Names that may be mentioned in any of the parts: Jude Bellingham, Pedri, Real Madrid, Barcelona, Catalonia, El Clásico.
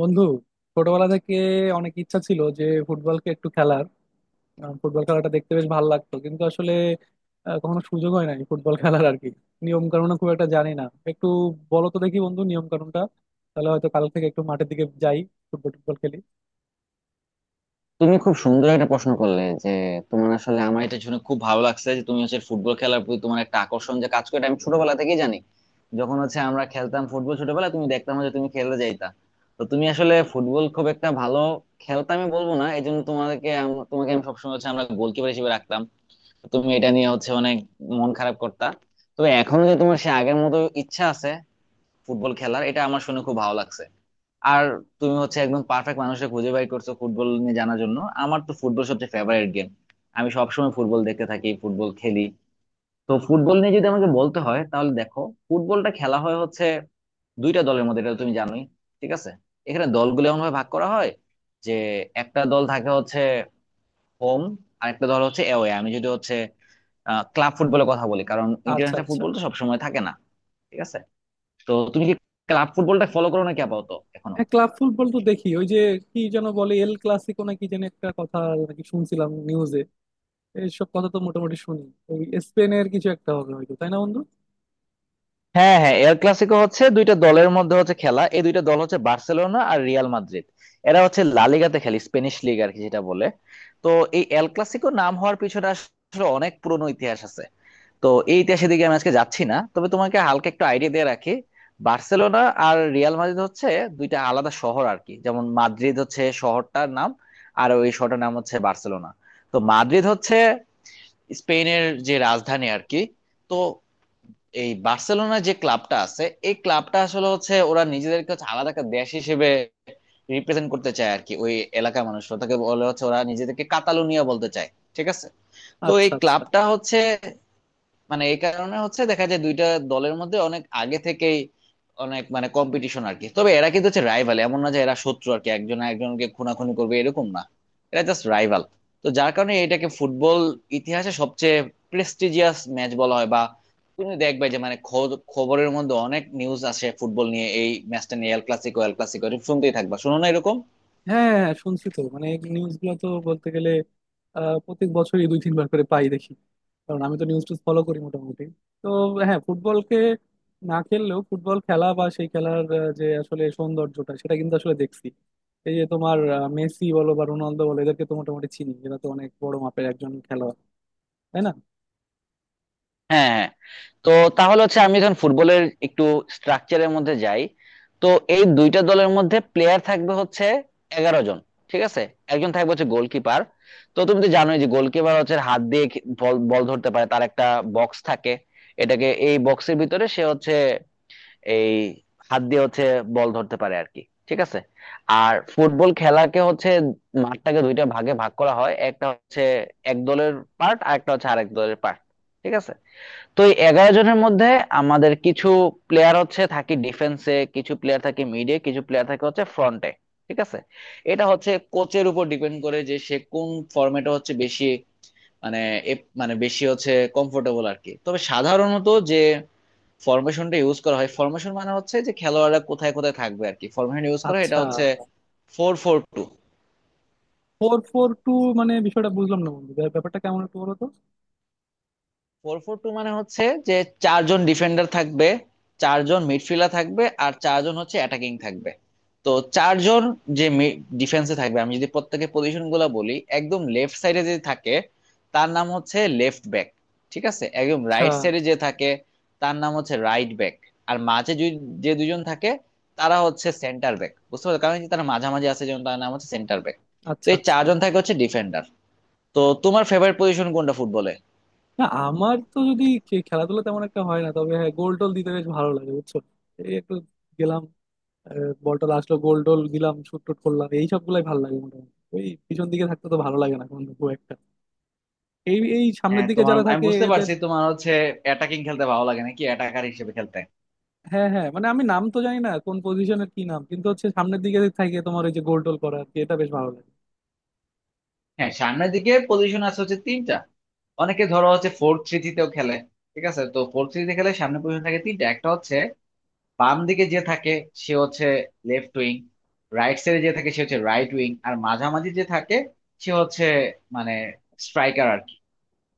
বন্ধু, ছোটবেলা থেকে অনেক ইচ্ছা ছিল যে ফুটবলকে একটু খেলার। ফুটবল খেলাটা দেখতে বেশ ভালো লাগতো, কিন্তু আসলে কখনো সুযোগ হয় নাই ফুটবল খেলার আর কি। নিয়ম কানুন খুব একটা জানি না। একটু বলো তো দেখি বন্ধু নিয়ম কানুনটা, তাহলে হয়তো কাল থেকে একটু মাঠের দিকে যাই, ফুটবল টুটবল খেলি। তুমি খুব সুন্দর একটা প্রশ্ন করলে যে তোমার আসলে আমার এটা শুনে খুব ভালো লাগছে যে তুমি হচ্ছে ফুটবল খেলার প্রতি তোমার একটা আকর্ষণ যে কাজ করে, এটা আমি ছোটবেলা থেকেই জানি। যখন হচ্ছে আমরা খেলতাম ফুটবল ছোটবেলা, তুমি দেখতাম যে তুমি খেলতে যাইতা। তো তুমি আসলে ফুটবল খুব একটা ভালো খেলতে আমি বলবো না, এই জন্য তোমাকে তোমাকে আমি সবসময় হচ্ছে আমরা গোলকিপার হিসেবে রাখতাম। তুমি এটা নিয়ে হচ্ছে অনেক মন খারাপ করতা। তবে এখন যে তোমার সে আগের মতো ইচ্ছা আছে ফুটবল খেলার, এটা আমার শুনে খুব ভালো লাগছে। আর তুমি হচ্ছে একদম পারফেক্ট মানুষকে খুঁজে বাই করছো ফুটবল নিয়ে জানার জন্য, আমার তো ফুটবল সবচেয়ে ফেভারিট গেম। আমি সবসময় ফুটবল দেখতে থাকি, ফুটবল খেলি। তো ফুটবল নিয়ে যদি আমাকে বলতে হয়, তাহলে দেখো, ফুটবলটা খেলা হয় হচ্ছে দুইটা দলের মধ্যে, এটা তো তুমি জানোই। ঠিক আছে, এখানে দলগুলো এমন ভাবে ভাগ করা হয় যে একটা দল থাকে হচ্ছে হোম, আর একটা দল হচ্ছে অ্যাওয়ে। আমি যদি হচ্ছে ক্লাব ফুটবলের কথা বলি, কারণ আচ্ছা, ইন্টারন্যাশনাল আচ্ছা। ফুটবল তো সবসময় থাকে না। ঠিক আছে, তো তুমি কি ক্লাব ফুটবলটা ফলো করো নাকি আপাতত এখনো? হ্যাঁ, ক্লাব ফুটবল তো দেখি। ওই যে কি যেন বলে, এল ক্লাসিকো নাকি যেন একটা কথা, নাকি শুনছিলাম নিউজে। এইসব কথা তো মোটামুটি শুনি। ওই স্পেনের কিছু একটা হবে হয়তো, তাই না বন্ধু? হ্যাঁ হ্যাঁ, এল ক্লাসিকো হচ্ছে দুইটা দলের মধ্যে হচ্ছে খেলা, এই দুইটা দল হচ্ছে বার্সেলোনা আর রিয়াল মাদ্রিদ। এরা হচ্ছে লা লিগাতে খেলে, স্পেনিশ লিগ আর কি যেটা বলে। তো এই এল ক্লাসিকো নাম হওয়ার পিছনে আসলে অনেক পুরনো ইতিহাস আছে। তো এই ইতিহাসের দিকে আমি আজকে যাচ্ছি না, তবে তোমাকে হালকা একটু আইডিয়া দিয়ে রাখি। বার্সেলোনা আর রিয়াল মাদ্রিদ হচ্ছে দুইটা আলাদা শহর আর কি, যেমন মাদ্রিদ হচ্ছে শহরটার নাম, আর ওই শহরটার নাম হচ্ছে বার্সেলোনা। তো মাদ্রিদ হচ্ছে স্পেনের যে রাজধানী আর কি। তো এই বার্সেলোনা যে ক্লাবটা আছে, এই ক্লাবটা আসলে হচ্ছে ওরা নিজেদেরকে হচ্ছে আলাদা একটা দেশ হিসেবে রিপ্রেজেন্ট করতে চায় আর কি। ওই এলাকার মানুষ ওটাকে বলে হচ্ছে, ওরা নিজেদেরকে কাতালুনিয়া বলতে চায়। ঠিক আছে, তো এই আচ্ছা, আচ্ছা। ক্লাবটা হচ্ছে মানে এই কারণে হচ্ছে দেখা যায় দুইটা দলের মধ্যে অনেক আগে থেকেই অনেক মানে কম্পিটিশন আর কি। তবে এরা কিন্তু হচ্ছে রাইভাল, এমন না যে এরা শত্রু আর কি, একজন একজনকে খুনাখুনি করবে এরকম না। এরা জাস্ট রাইভাল। তো যার কারণে এটাকে ফুটবল ইতিহাসে সবচেয়ে প্রেস্টিজিয়াস ম্যাচ বলা হয়। বা তুমি দেখবে যে মানে খবরের মধ্যে অনেক নিউজ আসে ফুটবল নিয়ে, এই ম্যাচটা নিয়ে, এল ক্লাসিকো এল ক্লাসিকো শুনতেই থাকবা, শুনো না এরকম? হ্যাঁ, হ্যাঁ, হ্যাঁ, শুনছি তো। মানে নিউজ গুলো তো বলতে গেলে প্রত্যেক বছরই দুই তিনবার করে পাই, দেখি। কারণ আমি তো নিউজ টুজ ফলো করি মোটামুটি। তো হ্যাঁ, ফুটবলকে না খেললেও ফুটবল খেলা বা সেই খেলার যে আসলে সৌন্দর্যটা, সেটা কিন্তু আসলে দেখছি। এই যে তোমার মেসি বলো বা রোনালদো বলো, এদেরকে তো মোটামুটি চিনি। এরা তো অনেক বড় মাপের একজন খেলোয়াড়, তাই না? হ্যাঁ হ্যাঁ। তো তাহলে হচ্ছে আমি যখন ফুটবলের একটু স্ট্রাকচারের মধ্যে যাই, তো এই দুইটা দলের মধ্যে প্লেয়ার থাকবে হচ্ছে 11 জন। ঠিক আছে, একজন থাকবে হচ্ছে গোলকিপার। তো তুমি তো জানোই যে গোলকিপার হচ্ছে হাত দিয়ে বল বল ধরতে পারে, তার একটা বক্স থাকে। এটাকে, এই বক্সের ভিতরে সে হচ্ছে এই হাত দিয়ে হচ্ছে বল ধরতে পারে আর কি। ঠিক আছে, আর ফুটবল খেলাকে হচ্ছে মাঠটাকে দুইটা ভাগে ভাগ করা হয়, একটা হচ্ছে এক দলের পার্ট আর একটা হচ্ছে আরেক দলের পার্ট। ঠিক আছে, তো এই 11 জনের মধ্যে আমাদের কিছু প্লেয়ার হচ্ছে থাকে ডিফেন্সে, কিছু প্লেয়ার থাকে মিডে, কিছু প্লেয়ার থাকে হচ্ছে ফ্রন্টে। ঠিক আছে, এটা হচ্ছে কোচের উপর ডিপেন্ড করে যে সে কোন ফরম্যাটে হচ্ছে বেশি মানে মানে বেশি হচ্ছে কমফোর্টেবল আর কি। তবে সাধারণত যে ফরমেশনটা ইউজ করা হয়, ফরমেশন মানে হচ্ছে যে খেলোয়াড়রা কোথায় কোথায় থাকবে আর কি, ফরমেশন ইউজ করা হয় এটা আচ্ছা, হচ্ছে four four two. Four four two মানে বিষয়টা বুঝলাম না বন্ধু, ব্যাপারটা কেমন একটু বলো তো। ফোর ফোর টু মানে হচ্ছে যে চারজন ডিফেন্ডার থাকবে, চারজন মিডফিল্ডার থাকবে, আর চারজন হচ্ছে অ্যাটাকিং থাকবে। তো চারজন যে ডিফেন্সে থাকবে, আমি যদি প্রত্যেকের পজিশন গুলো বলি, একদম লেফট সাইডে যে থাকে তার নাম হচ্ছে লেফট ব্যাক। ঠিক আছে, একদম আচ্ছা, রাইট সাইডে যে থাকে তার নাম হচ্ছে রাইট ব্যাক। আর মাঝে যে দুজন থাকে তারা হচ্ছে সেন্টার ব্যাক, বুঝতে পারছো? কারণ তারা মাঝামাঝি আছে, যেমন তার নাম হচ্ছে সেন্টার ব্যাক। তো আচ্ছা, এই আচ্ছা। চারজন থাকে হচ্ছে ডিফেন্ডার। তো তোমার ফেভারিট পজিশন কোনটা ফুটবলে? না, আমার তো যদি খেলাধুলা তেমন একটা হয় না, তবে হ্যাঁ গোল টোল দিতে বেশ ভালো লাগে বুঝছো। এই একটু গেলাম, বল টল আসলো, গোল টোল দিলাম, শুট টুট করলাম, এই সব গুলাই ভালো লাগে মোটামুটি। ওই পিছন দিকে থাকতে তো ভালো লাগে না কোনো, খুব একটা। এই এই সামনের হ্যাঁ, দিকে তোমার যারা আমি থাকে বুঝতে এদের। পারছি, তোমার হচ্ছে অ্যাটাকিং খেলতে ভালো লাগে নাকি অ্যাটাকার হিসেবে খেলতে। হ্যাঁ, হ্যাঁ, মানে আমি নাম তো জানি না কোন পজিশনের কি নাম, কিন্তু হচ্ছে সামনের দিকে থাকে তোমার ওই যে গোল টোল করা আর কি, এটা বেশ ভালো লাগে। হ্যাঁ, সামনের দিকে পজিশন আছে হচ্ছে তিনটা। অনেকে ধরো হচ্ছে ফোর থ্রি থ্রিতেও খেলে। ঠিক আছে, তো ফোর থ্রি খেলে সামনে পজিশন থাকে তিনটা, একটা হচ্ছে বাম দিকে যে থাকে সে হচ্ছে লেফট উইং, রাইট সাইডে যে থাকে সে হচ্ছে রাইট উইং, আর মাঝামাঝি যে থাকে সে হচ্ছে মানে স্ট্রাইকার আর কি।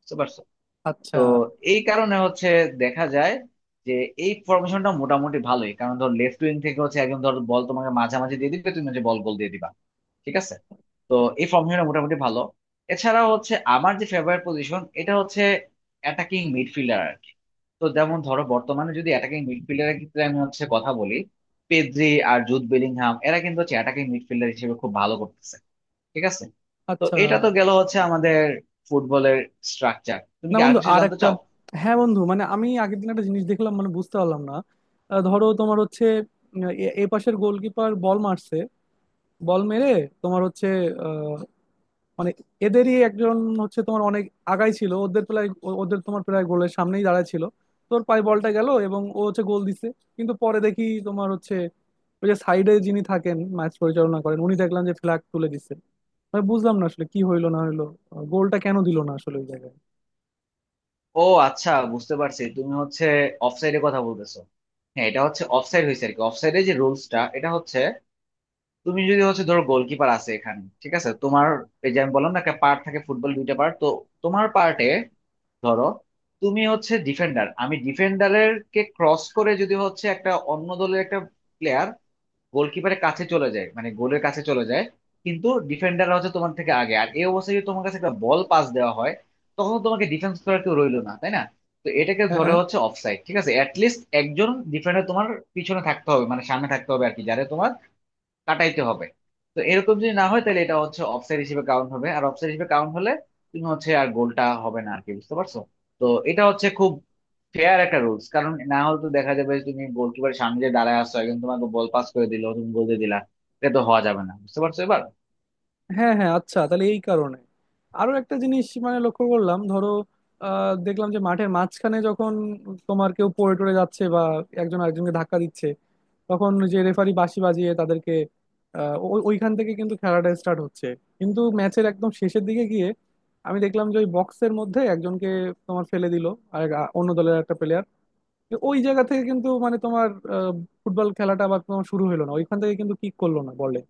বুঝতে পারছো? আচ্ছা, তো এই কারণে হচ্ছে দেখা যায় যে এই ফরমেশনটা মোটামুটি ভালোই, কারণ ধর লেফট উইং থেকে হচ্ছে একদম ধর বল তোমাকে মাঝামাঝি দিয়ে দিবে, তুমি হচ্ছে বল গোল দিয়ে দিবা। ঠিক আছে, তো এই ফর্মেশনটা মোটামুটি ভালো। এছাড়া হচ্ছে আমার যে ফেভারিট পজিশন এটা হচ্ছে অ্যাটাকিং মিডফিল্ডার আর কি। তো যেমন ধরো বর্তমানে যদি অ্যাটাকিং মিডফিল্ডারের ক্ষেত্রে আমি হচ্ছে কথা বলি, পেদ্রি আর জুড বেলিংহাম, এরা কিন্তু হচ্ছে অ্যাটাকিং মিডফিল্ডার হিসেবে খুব ভালো করতেছে। ঠিক আছে, তো আচ্ছা। এটা তো গেল হচ্ছে আমাদের ফুটবলের স্ট্রাকচার। তুমি না কি আর বন্ধু, কিছু আর জানতে একটা। চাও? হ্যাঁ বন্ধু, মানে আমি আগের দিন একটা জিনিস দেখলাম, মানে বুঝতে পারলাম না। ধরো তোমার হচ্ছে এ এ পাশের গোলকিপার বল মারছে। বল মেরে তোমার হচ্ছে আহ, মানে এদেরই একজন হচ্ছে তোমার অনেক আগাই ছিল, ওদের প্রায় ওদের তোমার প্রায় গোলের সামনেই দাঁড়ায় ছিল। তোর পায়ে বলটা গেল এবং ও হচ্ছে গোল দিছে। কিন্তু পরে দেখি তোমার হচ্ছে ওই যে সাইডে যিনি থাকেন ম্যাচ পরিচালনা করেন, উনি দেখলাম যে ফ্ল্যাগ তুলে দিছে। আমি বুঝলাম না আসলে কি হইলো না হইলো, গোলটা কেন দিল না আসলে ওই জায়গায়। ও আচ্ছা, বুঝতে পারছি, তুমি হচ্ছে অফসাইডের কথা বলতেছো। হ্যাঁ, এটা হচ্ছে অফসাইড হয়েছে আর কি। অফসাইডের যে রুলসটা এটা হচ্ছে তুমি যদি হচ্ছে ধরো গোলকিপার আছে এখানে, ঠিক আছে তোমার, এই যে আমি বললাম না একটা পার্ট থাকে, ফুটবল দুইটা পার্ট তো। তোমার পার্টে ধরো তুমি হচ্ছে ডিফেন্ডার, আমি ডিফেন্ডারের কে ক্রস করে যদি হচ্ছে একটা অন্য দলের একটা প্লেয়ার গোলকিপারের কাছে চলে যায়, মানে গোলের কাছে চলে যায়, কিন্তু ডিফেন্ডাররা হচ্ছে তোমার থেকে আগে, আর এই অবস্থায় যদি তোমার কাছে একটা বল পাস দেওয়া হয়, তখন তো তোমাকে ডিফেন্স করার কেউ রইলো না, তাই না? তো এটাকে হ্যাঁ, ধরে হ্যাঁ। হচ্ছে অফসাইড। ঠিক আছে, অ্যাটলিস্ট একজন ডিফেন্ডার তোমার পিছনে থাকতে হবে, মানে সামনে থাকতে হবে আর কি, যারা তোমার কাটাইতে হবে। তো এরকম যদি না হয়, তাহলে এটা হচ্ছে অফসাইড হিসেবে কাউন্ট হবে, আর অফসাইড হিসেবে কাউন্ট হলে তুমি হচ্ছে আর গোলটা হবে না আর কি। বুঝতে পারছো? তো এটা হচ্ছে খুব ফেয়ার একটা রুলস, কারণ না হলে তো দেখা যাবে যে তুমি গোলকিপারের সামনে যে দাঁড়ায় আসছো, একজন তোমাকে বল পাস করে দিল, তুমি গোল দিয়ে দিলা, এটা তো হওয়া যাবে না। বুঝতে পারছো এবার? হ্যাঁ, হ্যাঁ, আচ্ছা তাহলে এই কারণে। আরো একটা জিনিস মানে লক্ষ্য করলাম। ধরো দেখলাম যে মাঠের মাঝখানে যখন তোমার কেউ পড়ে টরে যাচ্ছে বা একজন আরেকজনকে ধাক্কা দিচ্ছে, তখন যে রেফারি বাঁশি বাজিয়ে তাদেরকে ওইখান থেকে কিন্তু খেলাটা স্টার্ট হচ্ছে। কিন্তু ম্যাচের একদম শেষের দিকে গিয়ে আমি দেখলাম যে ওই বক্সের মধ্যে একজনকে তোমার ফেলে দিল আর অন্য দলের একটা প্লেয়ার। ওই জায়গা থেকে কিন্তু মানে তোমার আহ, ফুটবল খেলাটা আবার তোমার শুরু হলো না ওইখান থেকে, কিন্তু কিক করলো না বলে।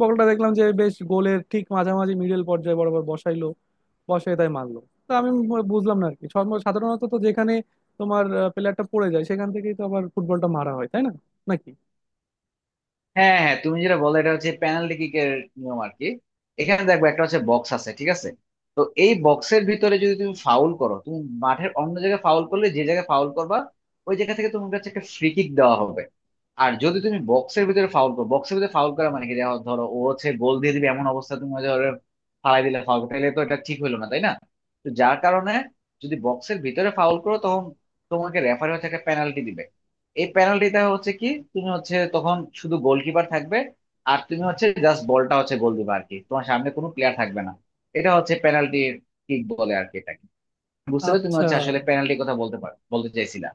বলটা দেখলাম যে বেশ গোলের ঠিক মাঝামাঝি মিডল পর্যায়ে বরাবর বসাইলো, বসে তাই মারলো। তো আমি বুঝলাম না আর কি। সাধারণত তো যেখানে তোমার প্লেয়ারটা পড়ে যায়, সেখান থেকেই তো আবার ফুটবলটা মারা হয়, তাই না? নাকি? হ্যাঁ হ্যাঁ হ্যাঁ, তুমি যেটা বলো এটা হচ্ছে পেনাল্টি কিকের নিয়ম আর কি। এখানে দেখবে একটা হচ্ছে বক্স আছে, ঠিক আছে? তো এই বক্সের ভিতরে যদি তুমি ফাউল করো, তুমি মাঠের অন্য জায়গায় ফাউল করলে যে জায়গায় ফাউল করবা, ওই জায়গা থেকে তোমার কাছে একটা ফ্রি কিক দেওয়া হবে। আর যদি তুমি বক্সের ভিতরে ফাউল করো, বক্সের ভিতরে ফাউল করা মানে কি দেখো, ধরো ও হচ্ছে গোল দিয়ে দিবে এমন অবস্থা, তুমি ধরো ফালাই দিলে ফাউল, তাহলে তো এটা ঠিক হলো না, তাই না? তো যার কারণে, যদি বক্সের ভিতরে ফাউল করো, তখন তোমাকে রেফারি হচ্ছে একটা পেনাল্টি দিবে। এই পেনাল্টিটা হচ্ছে কি, তুমি হচ্ছে তখন শুধু গোলকিপার থাকবে, আর তুমি হচ্ছে জাস্ট বলটা হচ্ছে গোল দিবে আর কি, তোমার সামনে কোনো প্লেয়ার থাকবে না। এটা হচ্ছে পেনাল্টির কিক বলে আর কি এটাকে। বুঝতে পারছো? তুমি আচ্ছা, হচ্ছে আসলে পেনাল্টির কথা বলতে পারো, বলতে চাইছিলা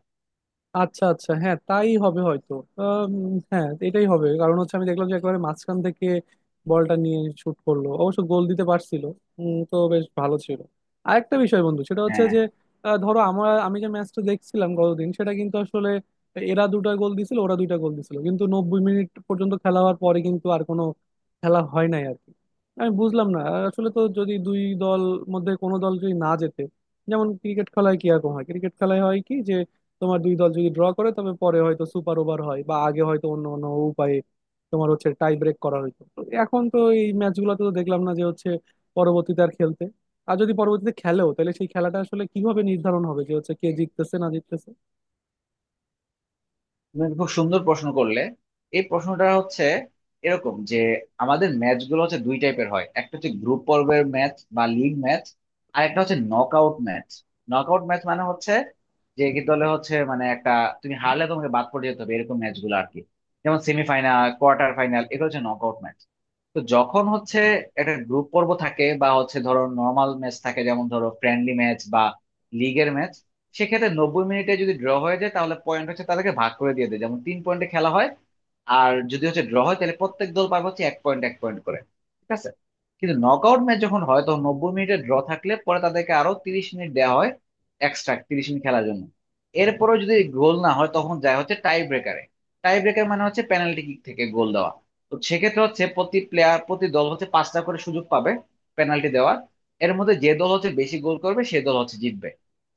আচ্ছা, আচ্ছা। হ্যাঁ তাই হবে হয়তো। আম, হ্যাঁ এটাই হবে, কারণ হচ্ছে আমি দেখলাম যে একেবারে মাঝখান থেকে বলটা নিয়ে শুট করলো, অবশ্য গোল দিতে পারছিল। তো বেশ ভালো ছিল। আরেকটা বিষয় বন্ধু, সেটা হচ্ছে হ্যাঁ। যে ধরো আমি যে ম্যাচটা দেখছিলাম গতদিন, সেটা কিন্তু আসলে এরা দুটা গোল দিছিল ওরা দুইটা গোল দিছিল, কিন্তু 90 মিনিট পর্যন্ত খেলা হওয়ার পরে কিন্তু আর কোনো খেলা হয় নাই আর কি। আমি বুঝলাম না। আসলে তো যদি দুই দল মধ্যে কোনো দল যদি না জেতে, যেমন ক্রিকেট খেলায় কি রকম হয়, ক্রিকেট খেলায় হয় কি যে তোমার দুই দল যদি ড্র করে তবে পরে হয়তো সুপার ওভার হয়, বা আগে হয়তো অন্য অন্য উপায়ে তোমার হচ্ছে টাই ব্রেক করা হইতো। তো এখন তো এই ম্যাচগুলোতে তো দেখলাম না যে হচ্ছে পরবর্তীতে আর খেলতে। আর যদি পরবর্তীতে খেলেও তাহলে সেই খেলাটা আসলে কিভাবে নির্ধারণ হবে যে হচ্ছে কে জিততেছে না জিততেছে? তুমি একটা খুব সুন্দর প্রশ্ন করলে। এই প্রশ্নটা হচ্ছে এরকম যে আমাদের ম্যাচ গুলো হচ্ছে দুই টাইপের হয়, একটা হচ্ছে গ্রুপ পর্বের ম্যাচ বা লিগ ম্যাচ, আর একটা হচ্ছে নকআউট ম্যাচ। নকআউট ম্যাচ মানে হচ্ছে যে কি দলে হচ্ছে মানে একটা, তুমি হারলে তোমাকে বাদ পড়ে যেতে হবে, এরকম ম্যাচ গুলো আর কি। যেমন সেমিফাইনাল, কোয়ার্টার ফাইনাল, এগুলো হচ্ছে নকআউট ম্যাচ। তো যখন হচ্ছে একটা গ্রুপ পর্ব থাকে বা হচ্ছে ধরো নর্মাল ম্যাচ থাকে, যেমন ধরো ফ্রেন্ডলি ম্যাচ বা লিগের ম্যাচ, সেক্ষেত্রে 90 মিনিটে যদি ড্র হয়ে যায়, তাহলে পয়েন্ট হচ্ছে তাদেরকে ভাগ করে দিয়ে দেয়, যেমন তিন পয়েন্টে খেলা হয়। আর যদি হচ্ছে ড্র হয়, তাহলে প্রত্যেক দল পাবে হচ্ছে এক পয়েন্ট এক পয়েন্ট করে। ঠিক আছে, কিন্তু নকআউট ম্যাচ যখন হয় তখন 90 মিনিটে ড্র থাকলে পরে তাদেরকে আরো 30 মিনিট দেওয়া হয়, এক্সট্রা 30 মিনিট খেলার জন্য। এরপরেও যদি গোল না হয়, তখন যায় হচ্ছে টাই ব্রেকারে। টাই ব্রেকার মানে হচ্ছে পেনাল্টি কিক থেকে গোল দেওয়া। তো সেক্ষেত্রে হচ্ছে প্রতি প্লেয়ার, প্রতি দল হচ্ছে পাঁচটা করে সুযোগ পাবে পেনাল্টি দেওয়ার। এর মধ্যে যে দল হচ্ছে বেশি গোল করবে সে দল হচ্ছে জিতবে।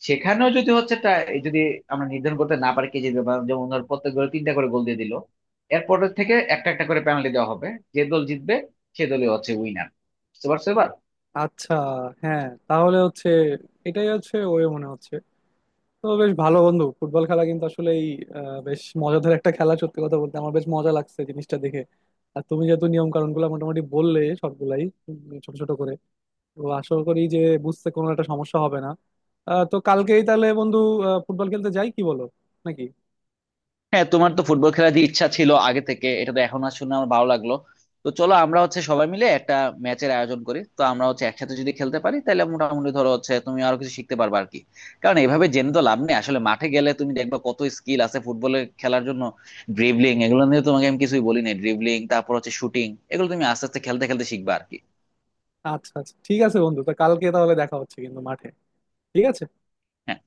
সেখানেও যদি হচ্ছে যদি আমরা নির্ধারণ করতে না পারি কে জিতবে, বা যেমন ধর প্রত্যেক দল তিনটা করে গোল দিয়ে দিল, এরপরের থেকে একটা একটা করে পেনাল্টি দেওয়া হবে, যে দল জিতবে সে দলই হচ্ছে উইনার। বুঝতে পারছো এবার? আচ্ছা, হ্যাঁ তাহলে হচ্ছে এটাই হচ্ছে ওয়ে মনে হচ্ছে। তো বেশ ভালো বন্ধু, ফুটবল খেলা কিন্তু আসলে এই বেশ মজাদার একটা খেলা। সত্যি কথা বলতে আমার বেশ মজা লাগছে জিনিসটা দেখে। আর তুমি যেহেতু নিয়ম কানুন গুলো মোটামুটি বললে সবগুলাই উম, ছোট ছোট করে, তো আশা করি যে বুঝতে কোনো একটা সমস্যা হবে না। তো কালকেই তাহলে বন্ধু ফুটবল খেলতে যাই, কি বলো? নাকি? হ্যাঁ, তোমার তো ফুটবল খেলার যে ইচ্ছা ছিল আগে থেকে, এটা তো এখন আর শুনে আমার ভালো লাগলো। তো চলো আমরা হচ্ছে সবাই মিলে একটা ম্যাচের আয়োজন করি। তো আমরা হচ্ছে একসাথে যদি খেলতে পারি তাহলে মোটামুটি ধরো হচ্ছে তুমি আরো কিছু শিখতে পারবে আর কি, কারণ এভাবে জেনে তো লাভ নেই, আসলে মাঠে গেলে তুমি দেখবে কত স্কিল আছে ফুটবলে খেলার জন্য। ড্রিবলিং এগুলো নিয়ে তোমাকে আমি কিছুই বলি নাই, ড্রিবলিং তারপর হচ্ছে শুটিং, এগুলো তুমি আস্তে আস্তে খেলতে খেলতে শিখবা আর কি। আচ্ছা, আচ্ছা, ঠিক আছে বন্ধু। তো কালকে তাহলে দেখা হচ্ছে কিন্তু মাঠে। ঠিক আছে। হ্যাঁ